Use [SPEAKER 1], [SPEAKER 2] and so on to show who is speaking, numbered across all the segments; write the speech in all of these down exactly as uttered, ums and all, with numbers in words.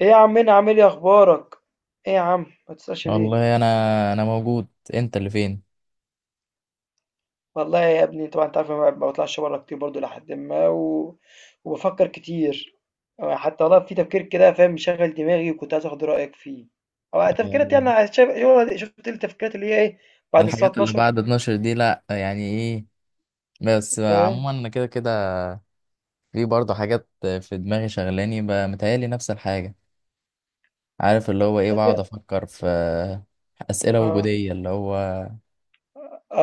[SPEAKER 1] ايه يا عمنا عامل ايه اخبارك؟ ايه يا عم ما تسألش ليه؟
[SPEAKER 2] والله انا انا موجود. انت اللي فين؟
[SPEAKER 1] والله يا ابني طبعا انت عارف أنا ما بطلعش بره كتير برضو لحد ما و... وبفكر كتير. آه، حتى والله في تفكير كده فاهم، مشغل دماغي وكنت عايز اخد رأيك فيه او تفكيرات، يعني
[SPEAKER 2] أم،
[SPEAKER 1] عايز- شايف، شفت التفكيرات اللي هي ايه بعد الساعة
[SPEAKER 2] الحاجات اللي
[SPEAKER 1] اتناشر؟
[SPEAKER 2] بعد اتناشر دي، لا، يعني ايه. بس
[SPEAKER 1] فاهم؟
[SPEAKER 2] عموما انا كده كده. في برضه حاجات في دماغي شغلاني ب- متهيألي نفس الحاجة. عارف اللي هو ايه،
[SPEAKER 1] طب
[SPEAKER 2] بقعد
[SPEAKER 1] يا
[SPEAKER 2] افكر في أسئلة
[SPEAKER 1] اه
[SPEAKER 2] وجودية، اللي هو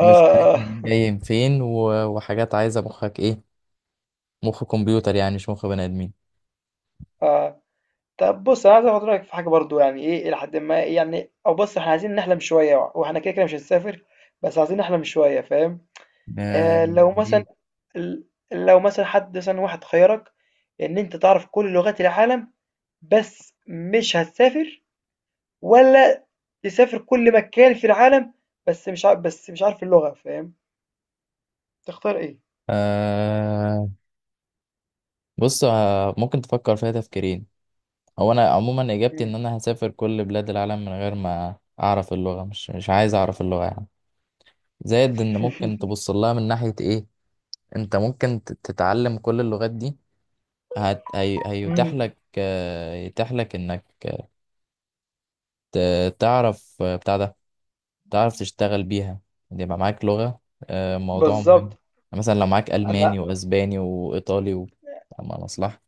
[SPEAKER 2] مش عارف منين
[SPEAKER 1] اه,
[SPEAKER 2] جاي من فين، و- وحاجات عايزة مخك ايه، مخ كمبيوتر يعني، مش مخ بني آدمين.
[SPEAKER 1] آه. طب بص انا عايز اخد رأيك في حاجة برضو، يعني ايه الى حد ما، إيه يعني، او بص احنا عايزين نحلم شوية، واحنا كده كده مش هنسافر، بس عايزين نحلم شوية، فاهم؟ آه
[SPEAKER 2] أم،
[SPEAKER 1] لو مثلا
[SPEAKER 2] ليه؟
[SPEAKER 1] ال لو مثلًا حد مثلًا واحد خيّرك إن أنت تعرف كل لغات العالم بس مش هتسافر، والّا تسافر كل مكان في العالم بس مش ع بس مش عارف اللغة، فاهم؟ تختار إيه؟
[SPEAKER 2] آه، بص، آه، ممكن تفكر فيها تفكيرين. هو انا عموما اجابتي ان
[SPEAKER 1] إمم.
[SPEAKER 2] انا هسافر كل بلاد العالم من غير ما اعرف اللغه. مش مش عايز اعرف اللغه يعني. زائد ان ممكن تبص لها من ناحيه ايه، انت ممكن ت- تتعلم كل اللغات دي. هت... هي... هيتاح
[SPEAKER 1] إمم.
[SPEAKER 2] لك آه، يتاح لك انك ت- تعرف، آه، بتاع ده، تعرف تشتغل بيها، يبقى معاك لغه. آه، موضوع مهم. يعني
[SPEAKER 1] بالضبط.
[SPEAKER 2] مثلا لو معاك
[SPEAKER 1] أنا
[SPEAKER 2] الماني واسباني وايطالي و... أما مصلحه.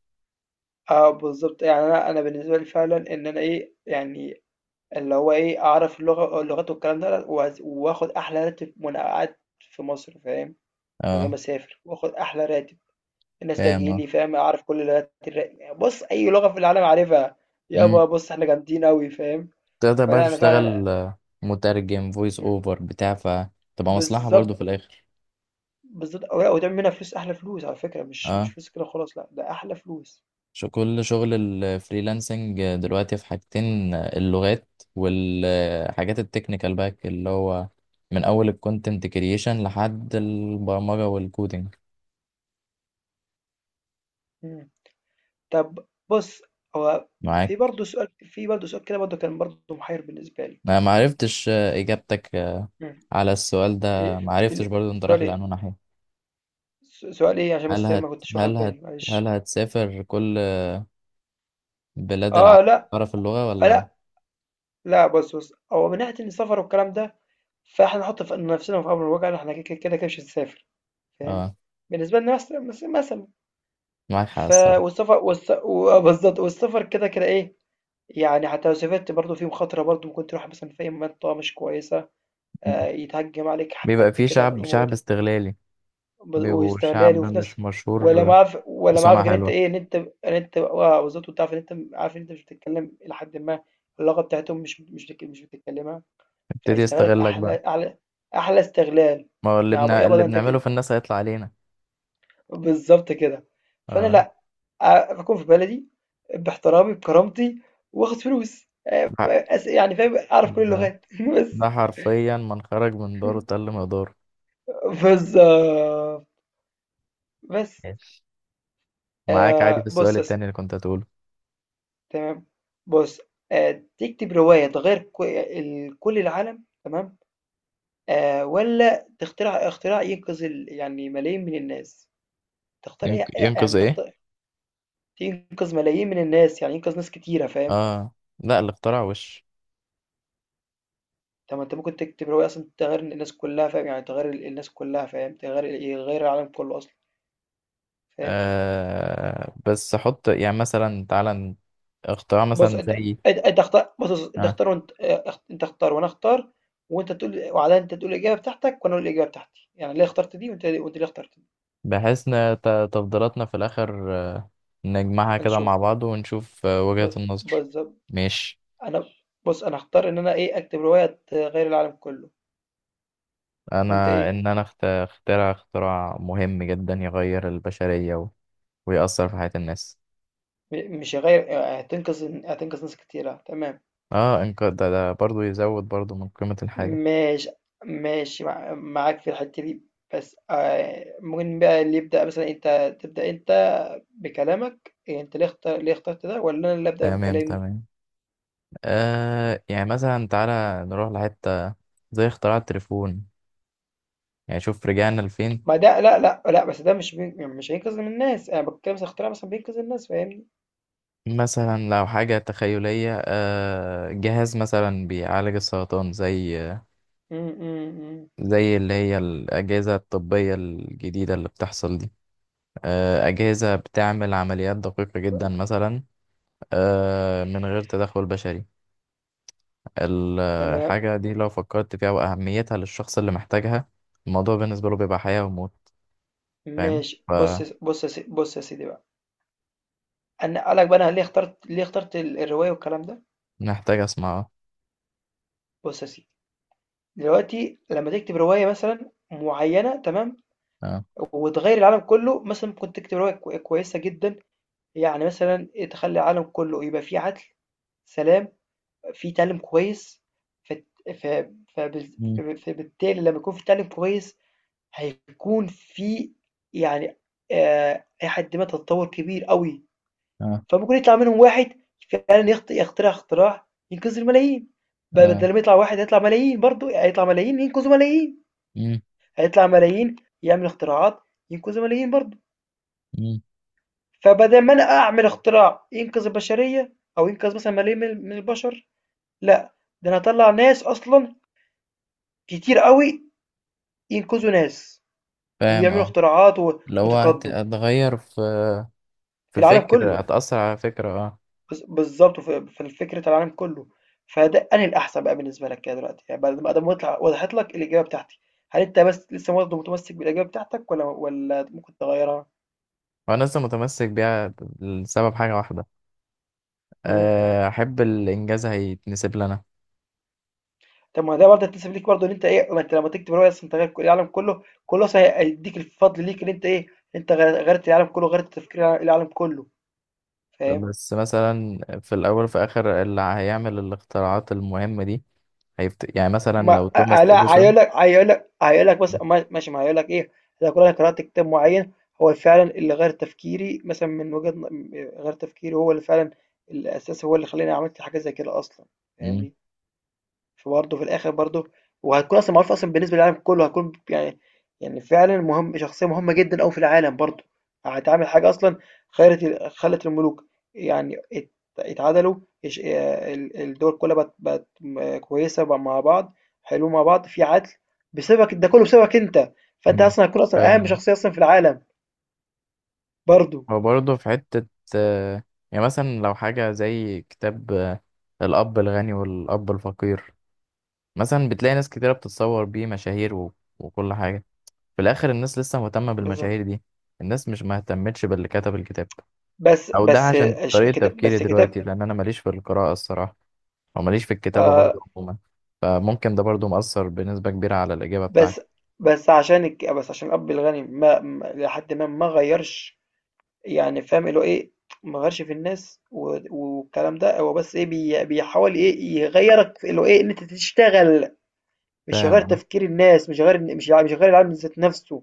[SPEAKER 1] آه بالضبط. يعني أنا أنا بالنسبة لي فعلًا إن أنا إيه، يعني اللي هو إيه، أعرف اللغة، اللغات والكلام ده، وأز وآخُد أحلى راتب وأنا قاعد في مصر، فاهم؟ من غير ما
[SPEAKER 2] اه،
[SPEAKER 1] أسافر وآخُد أحلى راتب.
[SPEAKER 2] فاهم،
[SPEAKER 1] النستاجيلي، فاهم، اعرف كل لغات الر... بص اي لغه في العالم عارفها.
[SPEAKER 2] اه.
[SPEAKER 1] يابا بص، احنا جامدين قوي، فاهم؟
[SPEAKER 2] تقدر بقى
[SPEAKER 1] فلا انا فعلا.
[SPEAKER 2] تشتغل آه، مترجم فويس
[SPEAKER 1] مم.
[SPEAKER 2] اوفر بتاع، فتبقى مصلحة برضو في
[SPEAKER 1] بالظبط.
[SPEAKER 2] الآخر.
[SPEAKER 1] بالظبط. او لا، وتعمل منها فلوس، احلى فلوس، على فكره، مش مش
[SPEAKER 2] اه.
[SPEAKER 1] فلوس كده خلاص، لا، ده احلى فلوس.
[SPEAKER 2] شو كل شغل الفريلانسنج دلوقتي في حاجتين، آه، اللغات والحاجات التكنيكال باك، اللي هو من أول الكونتنت كرييشن لحد البرمجة والكودينج.
[SPEAKER 1] مم. طب بص، هو في
[SPEAKER 2] معاك.
[SPEAKER 1] برضه سؤال، في برضه سؤال كده برضه كان برضه محير بالنسبه لي.
[SPEAKER 2] أنا معرفتش آه، إجابتك آه،
[SPEAKER 1] مم.
[SPEAKER 2] على السؤال ده،
[SPEAKER 1] في في
[SPEAKER 2] معرفتش
[SPEAKER 1] ال-
[SPEAKER 2] برضو أنت
[SPEAKER 1] سؤال
[SPEAKER 2] رايح
[SPEAKER 1] ايه؟
[SPEAKER 2] لأنه ناحية.
[SPEAKER 1] س- سؤال ايه عشان
[SPEAKER 2] هل
[SPEAKER 1] بس ما
[SPEAKER 2] هت
[SPEAKER 1] كنتش واخد
[SPEAKER 2] هل هت
[SPEAKER 1] بالي،
[SPEAKER 2] هل
[SPEAKER 1] معلش.
[SPEAKER 2] هتسافر كل بلاد
[SPEAKER 1] اه
[SPEAKER 2] العالم،
[SPEAKER 1] لا.
[SPEAKER 2] تعرف اللغة
[SPEAKER 1] آه
[SPEAKER 2] ولا؟
[SPEAKER 1] لا. لا بص، بص هو من ناحيه السفر والكلام ده، فإحنا نحُط ف نَفْسنا في أمر الواقع إن إحنا ك ك كده، كده مش هنسافر، فاهم؟
[SPEAKER 2] اه،
[SPEAKER 1] بالنسبة لنا مثلًا مث مثلًا،
[SPEAKER 2] معاك حق
[SPEAKER 1] ف
[SPEAKER 2] الصراحة.
[SPEAKER 1] والسفر والس و آه بالضبط، والسفر كده، كده إيه، يعني حتى لو سافرت برضه في مخاطرة، برضه ممكن تروح مثلًا في أي منطقة مش كويسة، آآ يتهجم عليك
[SPEAKER 2] بيبقى
[SPEAKER 1] حد
[SPEAKER 2] فيه
[SPEAKER 1] كده
[SPEAKER 2] شعب شعب
[SPEAKER 1] يموتك،
[SPEAKER 2] استغلالي،
[SPEAKER 1] ب
[SPEAKER 2] بيبقوا
[SPEAKER 1] واستغلال،
[SPEAKER 2] شعب
[SPEAKER 1] وفي
[SPEAKER 2] مش
[SPEAKER 1] نفس، ولا
[SPEAKER 2] مشهور
[SPEAKER 1] معارف، ولا
[SPEAKER 2] بسمعة
[SPEAKER 1] معارفك إن أنت
[SPEAKER 2] حلوة،
[SPEAKER 1] إيه، إن أنت إن أنت آه بالضبط، وتعرف إن أنت م عارف إن أنت مش بتتكلم، إلى حدٍ ما، اللغة بتاعتهم مش مش بتك مش بتتكلمها،
[SPEAKER 2] يبتدي
[SPEAKER 1] فهيستغلك
[SPEAKER 2] يستغلك بقى.
[SPEAKER 1] أحلى أعلى أحلى استغلال، يعني.
[SPEAKER 2] ما هو اللي
[SPEAKER 1] يابا،
[SPEAKER 2] بنا...
[SPEAKER 1] يابا،
[SPEAKER 2] اللي
[SPEAKER 1] ده أنت
[SPEAKER 2] بنعمله
[SPEAKER 1] كده،
[SPEAKER 2] في الناس هيطلع علينا.
[SPEAKER 1] بالضبط كده. فأنا
[SPEAKER 2] اه،
[SPEAKER 1] لأ، آآ باكون في بلدي، باحترامي، بكرامتي، وآخد فلوس.
[SPEAKER 2] حق.
[SPEAKER 1] أ أس يعني فاهم، أعرف كل
[SPEAKER 2] ده
[SPEAKER 1] اللغات
[SPEAKER 2] ده
[SPEAKER 1] بس.
[SPEAKER 2] حرفيا، من خرج من داره تل مقداره.
[SPEAKER 1] بالضبط. بس.
[SPEAKER 2] ماشي،
[SPEAKER 1] آآ
[SPEAKER 2] معاك عادي في
[SPEAKER 1] بُص
[SPEAKER 2] السؤال
[SPEAKER 1] يا سي،
[SPEAKER 2] التاني اللي كنت هتقوله.
[SPEAKER 1] تمام. بُص، آآ تكتب رواية تغيّر ك ال كل العالم، تمام، آآ والّا تخترع اختراع ينقذ ال يعني ملايين من الناس؟ تختار إيه؟
[SPEAKER 2] ينق...
[SPEAKER 1] أ
[SPEAKER 2] ينقذ
[SPEAKER 1] يعني تخت
[SPEAKER 2] ايه؟
[SPEAKER 1] تنقذ ملايين من الناس، يعني ينقذ ناس كتيرة، فاهم؟
[SPEAKER 2] اه لا، اللي اخترع وش.
[SPEAKER 1] طب ما أنت ممكن تكتب رواية أصلًا تغيّر الناس كلّها، فاهم، يعني تغيّر ال الناس كلّها، فاهم، تغيّر ال- يغيّر العالم كلّه أصلًا، فاهم؟
[SPEAKER 2] آه، بس حط يعني مثلا تعالى ن- اختراع
[SPEAKER 1] بُص
[SPEAKER 2] مثلا
[SPEAKER 1] أنت
[SPEAKER 2] زي...
[SPEAKER 1] أنت أنت اختار، بُص، بُص أنت
[SPEAKER 2] آه.
[SPEAKER 1] اختار وأنت، آآ اخت أنت اختار وأنا أختار، وأنت تقول، وبعدها أنت تقول الإجابة بتاعتك وأنا أقول الإجابة بتاعتي، يعني ليه اخترت دي، وأنت وأنت ليه اخترت دي.
[SPEAKER 2] بحيث ان ت- تفضيلاتنا في الاخر، آه، نجمعها كده مع
[SPEAKER 1] هنشوف،
[SPEAKER 2] بعض ونشوف آه، وجهة
[SPEAKER 1] ب
[SPEAKER 2] النظر.
[SPEAKER 1] بالضبط،
[SPEAKER 2] ماشي.
[SPEAKER 1] أنا بُص، أنا هاختار إن أنا إيه، أكتب رواية تغيّر العالم كلّه. وأنت
[SPEAKER 2] انا
[SPEAKER 1] إيه؟
[SPEAKER 2] ان انا اخت- اخترع اختراع مهم جدا يغير البشرية و- ويأثر في حياة الناس.
[SPEAKER 1] م مش هيغيّر، آآ هتنقذ هتنقذ ناس كتيرة، تمام.
[SPEAKER 2] اه. إنك- ده, ده برضو يزود برضو من قيمة الحاجة.
[SPEAKER 1] ماشي. ماشي، مع- معاك في الحتة دي. بس آه، ممكن بقى اللي يبدأ مثلا، انت تبدأ انت بكلامك، إيه انت ليه اختار ليه اخترت ده، ولا انا اللي أبدأ
[SPEAKER 2] تمام،
[SPEAKER 1] بكلامي؟
[SPEAKER 2] تمام. آه، يعني مثلا تعالى نروح لحتة زي اختراع التليفون، يعني شوف رجعنا لفين.
[SPEAKER 1] ما ده، لا لا لا، بس ده مش بي... مش هينقذ من الناس، انا بتكلم مثلا اختراع مثلا بينقذ الناس، فاهمني؟
[SPEAKER 2] مثلا لو حاجة تخيلية، آه جهاز مثلا بيعالج السرطان، زي
[SPEAKER 1] م- م- م.
[SPEAKER 2] زي اللي هي الأجهزة الطبية الجديدة اللي بتحصل دي. آه، أجهزة بتعمل عمليات دقيقة جدا مثلا، آه، من غير تدخل بشري.
[SPEAKER 1] تمام.
[SPEAKER 2] الحاجة دي، لو فكرت فيها وأهميتها للشخص اللي محتاجها، الموضوع بالنسبة له بيبقى حياة وموت. فاهم،
[SPEAKER 1] ماشي. بص يا س- بص يا سي- بص يا سيدي بقى، انا قالك بقى انا ليه اخترت، ليه اخترت ال- الرواية والكلام ده.
[SPEAKER 2] فمحتاج أسمع.
[SPEAKER 1] بص يا سيدي، دلوقتي لما تكتب رواية مثلا معينة، تمام،
[SPEAKER 2] اه.
[SPEAKER 1] وتغير العالم كله، مثلا ممكن تكتب رواية كو- كويسة جدا، يعني مثلا تخلي العالم كله يبقى فيه عدل، سلام، فيه تعلم كويس، فت- ف- فبز-
[SPEAKER 2] مم.
[SPEAKER 1] فب- فبالتالي لما يكون في تعلم كويس، هيكون في يعني، آه، إلى حد ما، تطور كبير قوي،
[SPEAKER 2] اه.
[SPEAKER 1] فممكن يطلع منهم واحد فعلا يخت- يخترع اختراع ينقذ الملايين.
[SPEAKER 2] اه.
[SPEAKER 1] بدل ما يطلع واحد، هيطلع ملايين برضه، هيطلع ملايين ينقذوا ملايين،
[SPEAKER 2] مم.
[SPEAKER 1] هيطلع ملايين يعمل اختراعات ينقذوا ملايين برضه.
[SPEAKER 2] مم.
[SPEAKER 1] فبدل ما انا اعمل اختراع ينقذ البشريه، او ينقذ مثلا ملايين من من البشر، لا، ده انا هطلع ناس اصلا كتير قوي، ينقذوا ناس،
[SPEAKER 2] فاهم،
[SPEAKER 1] ويعملوا
[SPEAKER 2] اه.
[SPEAKER 1] اختراعات و-
[SPEAKER 2] لو هت-
[SPEAKER 1] وتقدم
[SPEAKER 2] هتغير في
[SPEAKER 1] في
[SPEAKER 2] في
[SPEAKER 1] العالم
[SPEAKER 2] فكر،
[SPEAKER 1] كله.
[SPEAKER 2] هتأثر على فكرة. اه.
[SPEAKER 1] بز- بالظبط، في في فكره العالم كله. فده انهي الاحسن بقى بالنسبه لك كده دلوقتي، يعني بعد ما ادام وضح- وضحت لك الاجابه بتاعتي، هل انت بس لسه برضه متمسك بالاجابه بتاعتك، ولا ولا ممكن تغيرها؟
[SPEAKER 2] وأنا لسه متمسك بيها لسبب حاجة واحدة.
[SPEAKER 1] مم.
[SPEAKER 2] آه، أحب الإنجاز هيتنسب لنا.
[SPEAKER 1] طب ما ده برضه هتنسب ليك برضه، ان انت ايه، ما انت لما تكتب روايه اصلا انت غير كل- العالم كله كله أصلاً، هيديك الفضل ليك، ان انت ايه، انت غير- غيرت العالم كله، غيرت تفكير العالم كله، فاهم؟
[SPEAKER 2] بس مثلا في الأول وفي الآخر، اللي هيعمل الاختراعات المهمة دي هيفت... يعني مثلا لو
[SPEAKER 1] ما آه،
[SPEAKER 2] توماس
[SPEAKER 1] لا
[SPEAKER 2] إديسون.
[SPEAKER 1] هيقول لك، هيقول لك هيقول لك بس ما- ماشي، ما هيقول لك ايه، لو كل انا قرات كتاب معين، هو فعلا اللي غير تفكيري مثلا، من وجهه ن- غير تفكيري، هو اللي فعلا الاساس، هو اللي خلاني عملت حاجه زي كده اصلا،
[SPEAKER 2] مم.
[SPEAKER 1] فاهمني؟ فبرضه في الآخر برضه، وهتكون أصلًا معروفة أصلًا بالنسبة للعالم كله، هتكون يعني، يعني فعلًا مهم، شخصية مهمة جدًا أوي في العالم برضه، هتعمل حاجة أصلًا خيرت ال خلت الملوك يعني ات اتعدلوا، اش آآ ال الدول كلها بقت، بقت م كويسة بقى مع بعض، حلوين مع بعض، في عدل، بسببك، ده كله بسببك أنت، فأنت
[SPEAKER 2] مم.
[SPEAKER 1] أصلًا هتكون أصلًا أهم
[SPEAKER 2] فاهم.
[SPEAKER 1] شخصية أصلًا في العالم برضه.
[SPEAKER 2] وبرضه في حتة، آه، يعني مثلا لو حاجة زي كتاب آه، الأب الغني والأب الفقير، مثلا بتلاقي ناس كتيرة بتتصور بيه مشاهير و... وكل حاجة. في الآخر الناس لسه مهتمة
[SPEAKER 1] بالضبط.
[SPEAKER 2] بالمشاهير دي، الناس مش مهتمتش باللي كتب الكتاب.
[SPEAKER 1] بس
[SPEAKER 2] او ده
[SPEAKER 1] بس
[SPEAKER 2] عشان
[SPEAKER 1] اش
[SPEAKER 2] طريقة
[SPEAKER 1] كت
[SPEAKER 2] تفكيري
[SPEAKER 1] بس كتاب،
[SPEAKER 2] دلوقتي، لان انا ماليش في القراءة الصراحة، او ماليش في الكتابة
[SPEAKER 1] آآ
[SPEAKER 2] برضو عموما. فممكن ده برضو مؤثر بنسبة كبيرة على الإجابة
[SPEAKER 1] بس
[SPEAKER 2] بتاعتي.
[SPEAKER 1] بس عشان الك... بس عشان الأب الغني ما ما- لحد ما ما غيرش، يعني فاهم اللي هو إيه، ما غيرش في الناس و... والكلام ده، هو بس إيه، بي... بيحاول إيه يغيرك في اللي هو إيه، إن أنت تشتغل، مش
[SPEAKER 2] فاهم،
[SPEAKER 1] غير
[SPEAKER 2] اه.
[SPEAKER 1] تفكير الناس، مش غير مش مش غير العالم ذات نفسه،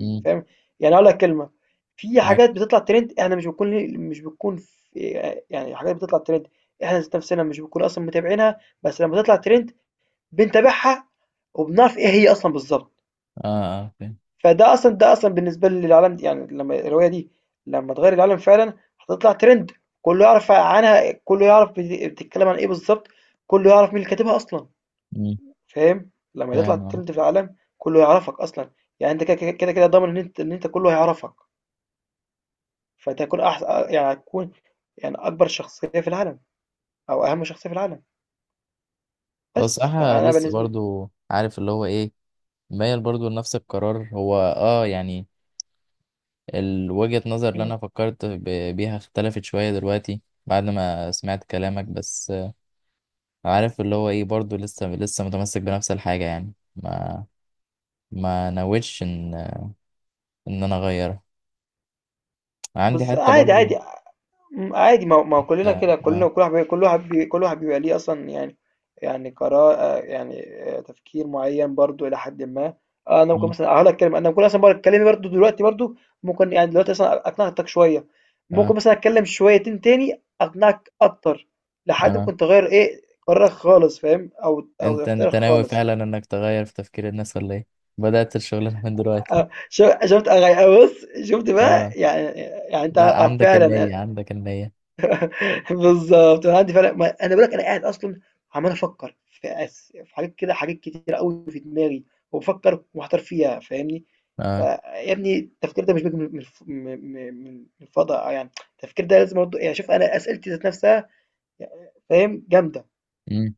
[SPEAKER 2] امم.
[SPEAKER 1] فاهم؟ يعني أقول لك كلمة، في
[SPEAKER 2] معاك،
[SPEAKER 1] حاجات بتطلع ترند، إحنا مش بنكون، مش بنكون في... إيه، يعني حاجات بتطلع ترند، إحنا ذات نفسنا مش بنكون أصلا متابعينها، بس لما تطلع ترند بنتابعها وبنعرف إيه هي أصلا بالظبط.
[SPEAKER 2] اه، اه. فاهم.
[SPEAKER 1] فده أصلًا، ده أصلًا بالنسبة لي العالم، يعني لمّا الرواية دي، لمّا اتغيّر العالم فعلًا، هتطلع ترند، كلّه يعرف عنها، كلّه يعرف بت بتتكلّم عن إيه بالضبط، كلّه يعرف مين اللي كاتبها أصلًا،
[SPEAKER 2] امم.
[SPEAKER 1] فاهم؟ لمّا تطلع
[SPEAKER 2] فاهم، اه.
[SPEAKER 1] ترند في العالم، كلّه يعرفك أصلًا، يعني أنت كده، كده، كده، كده ضامن إن أنت إن أنت كلّه هيعرفك، فأنت هتكون أحس، يعني هتكون يعني أكبر شخصية في العالم، أو أهم شخصية في العالم،
[SPEAKER 2] بس
[SPEAKER 1] بس
[SPEAKER 2] صراحة
[SPEAKER 1] فأنا
[SPEAKER 2] لسه
[SPEAKER 1] بالنسبة.
[SPEAKER 2] برضو عارف اللي هو ايه، مايل برضو لنفس القرار. هو اه يعني، ال- وجهة نظر اللي
[SPEAKER 1] إمم،
[SPEAKER 2] انا فكرت ب- بيها اختلفت شوية دلوقتي بعد ما سمعت كلامك. بس آه، عارف اللي هو ايه، برضو لسه لسه متمسك بنفس الحاجة يعني، ما ما نويتش ان انا اغيرها. عندي
[SPEAKER 1] بالض
[SPEAKER 2] حتة
[SPEAKER 1] عادي،
[SPEAKER 2] برضو.
[SPEAKER 1] عادي. امم، عادي، ما هو، ما هو كلنا
[SPEAKER 2] اه.
[SPEAKER 1] كده،
[SPEAKER 2] اه.
[SPEAKER 1] كلنا، كل واحد بي- كل واحد بي- كل واحد بيبقى ليه اصلا، يعني، يعني قرار، آه، يعني، آه، تفكير معين برضو الى حد ما. آه، انا ممكن
[SPEAKER 2] مم.
[SPEAKER 1] مثلا هقول لك كلمه، انا ممكن مثلا بقول اتكلم برضو دلوقتي برضو، ممكن يعني دلوقتي مثلا اقنعتك شويه، ممكن
[SPEAKER 2] اه.
[SPEAKER 1] مثلا اتكلم شويتين تاني اقنعك اكتر، لحد
[SPEAKER 2] اه.
[SPEAKER 1] ممكن تغير ايه، قرارك خالص، فاهم، او او
[SPEAKER 2] انت
[SPEAKER 1] اختيارك
[SPEAKER 2] انت ناوي
[SPEAKER 1] خالص.
[SPEAKER 2] فعلا انك تغير في تفكير الناس ولا ايه؟ بدأت الشغلانة من دلوقتي؟
[SPEAKER 1] آه، شو- شفت؟ أغي- بص، شفت بقى،
[SPEAKER 2] اه
[SPEAKER 1] يعني يعني انت
[SPEAKER 2] لا،
[SPEAKER 1] آه،
[SPEAKER 2] عندك
[SPEAKER 1] فعلا
[SPEAKER 2] النية، عندك النية.
[SPEAKER 1] بالضبط، أنا عندي فعلًا، ما أنا باقول لك أنا قاعد أصلًا عمّال أفكّر، في أس في حاجات كده، حاجات كتيرة أوي في دماغي، وبافكّر ومحتار فيها، فاهمني؟
[SPEAKER 2] اه.
[SPEAKER 1] فيا ابني التفكير ده مش بييجي من الف م م من من الفضا، يعني التفكير ده لازم برضه، يعني شوف، أنا أسئلتي ذات نفسها، فاهم، جامدة.
[SPEAKER 2] مم.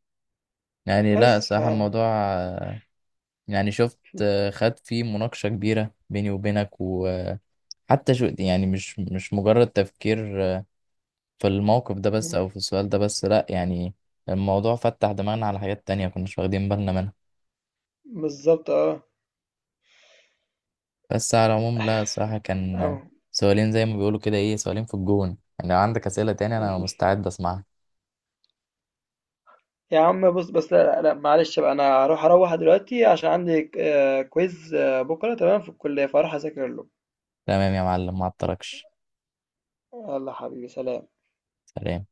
[SPEAKER 2] يعني لا،
[SPEAKER 1] بس ف
[SPEAKER 2] صراحة الموضوع، آه، يعني شفت آه، خد فيه مناقشة كبيرة بيني وبينك وحتى، شو يعني، مش مش مجرد تفكير آه، في الموقف ده بس
[SPEAKER 1] إمم،
[SPEAKER 2] او في السؤال ده بس، لا يعني الموضوع فتح دماغنا على حاجات تانية كناش واخدين بالنا منها.
[SPEAKER 1] بالضبط. آه،
[SPEAKER 2] بس على العموم لا، الصراحة كان
[SPEAKER 1] آه.
[SPEAKER 2] سؤالين زي ما بيقولوا كده ايه، سؤالين في الجون. يعني لو عندك أسئلة تاني أنا مستعد أسمعها.
[SPEAKER 1] يا عم بُص، بس لأ، لأ، لا معلش بقى، أنا هاروح أروّح دلوقتي عشان عندي ك آآ quiz آه، بُكرة، تمام؟ في الكلية فهاروح أذاكر له.
[SPEAKER 2] تمام يا معلم، ما أعطلكش.
[SPEAKER 1] يالّا حبيبي، سلام.
[SPEAKER 2] سلام.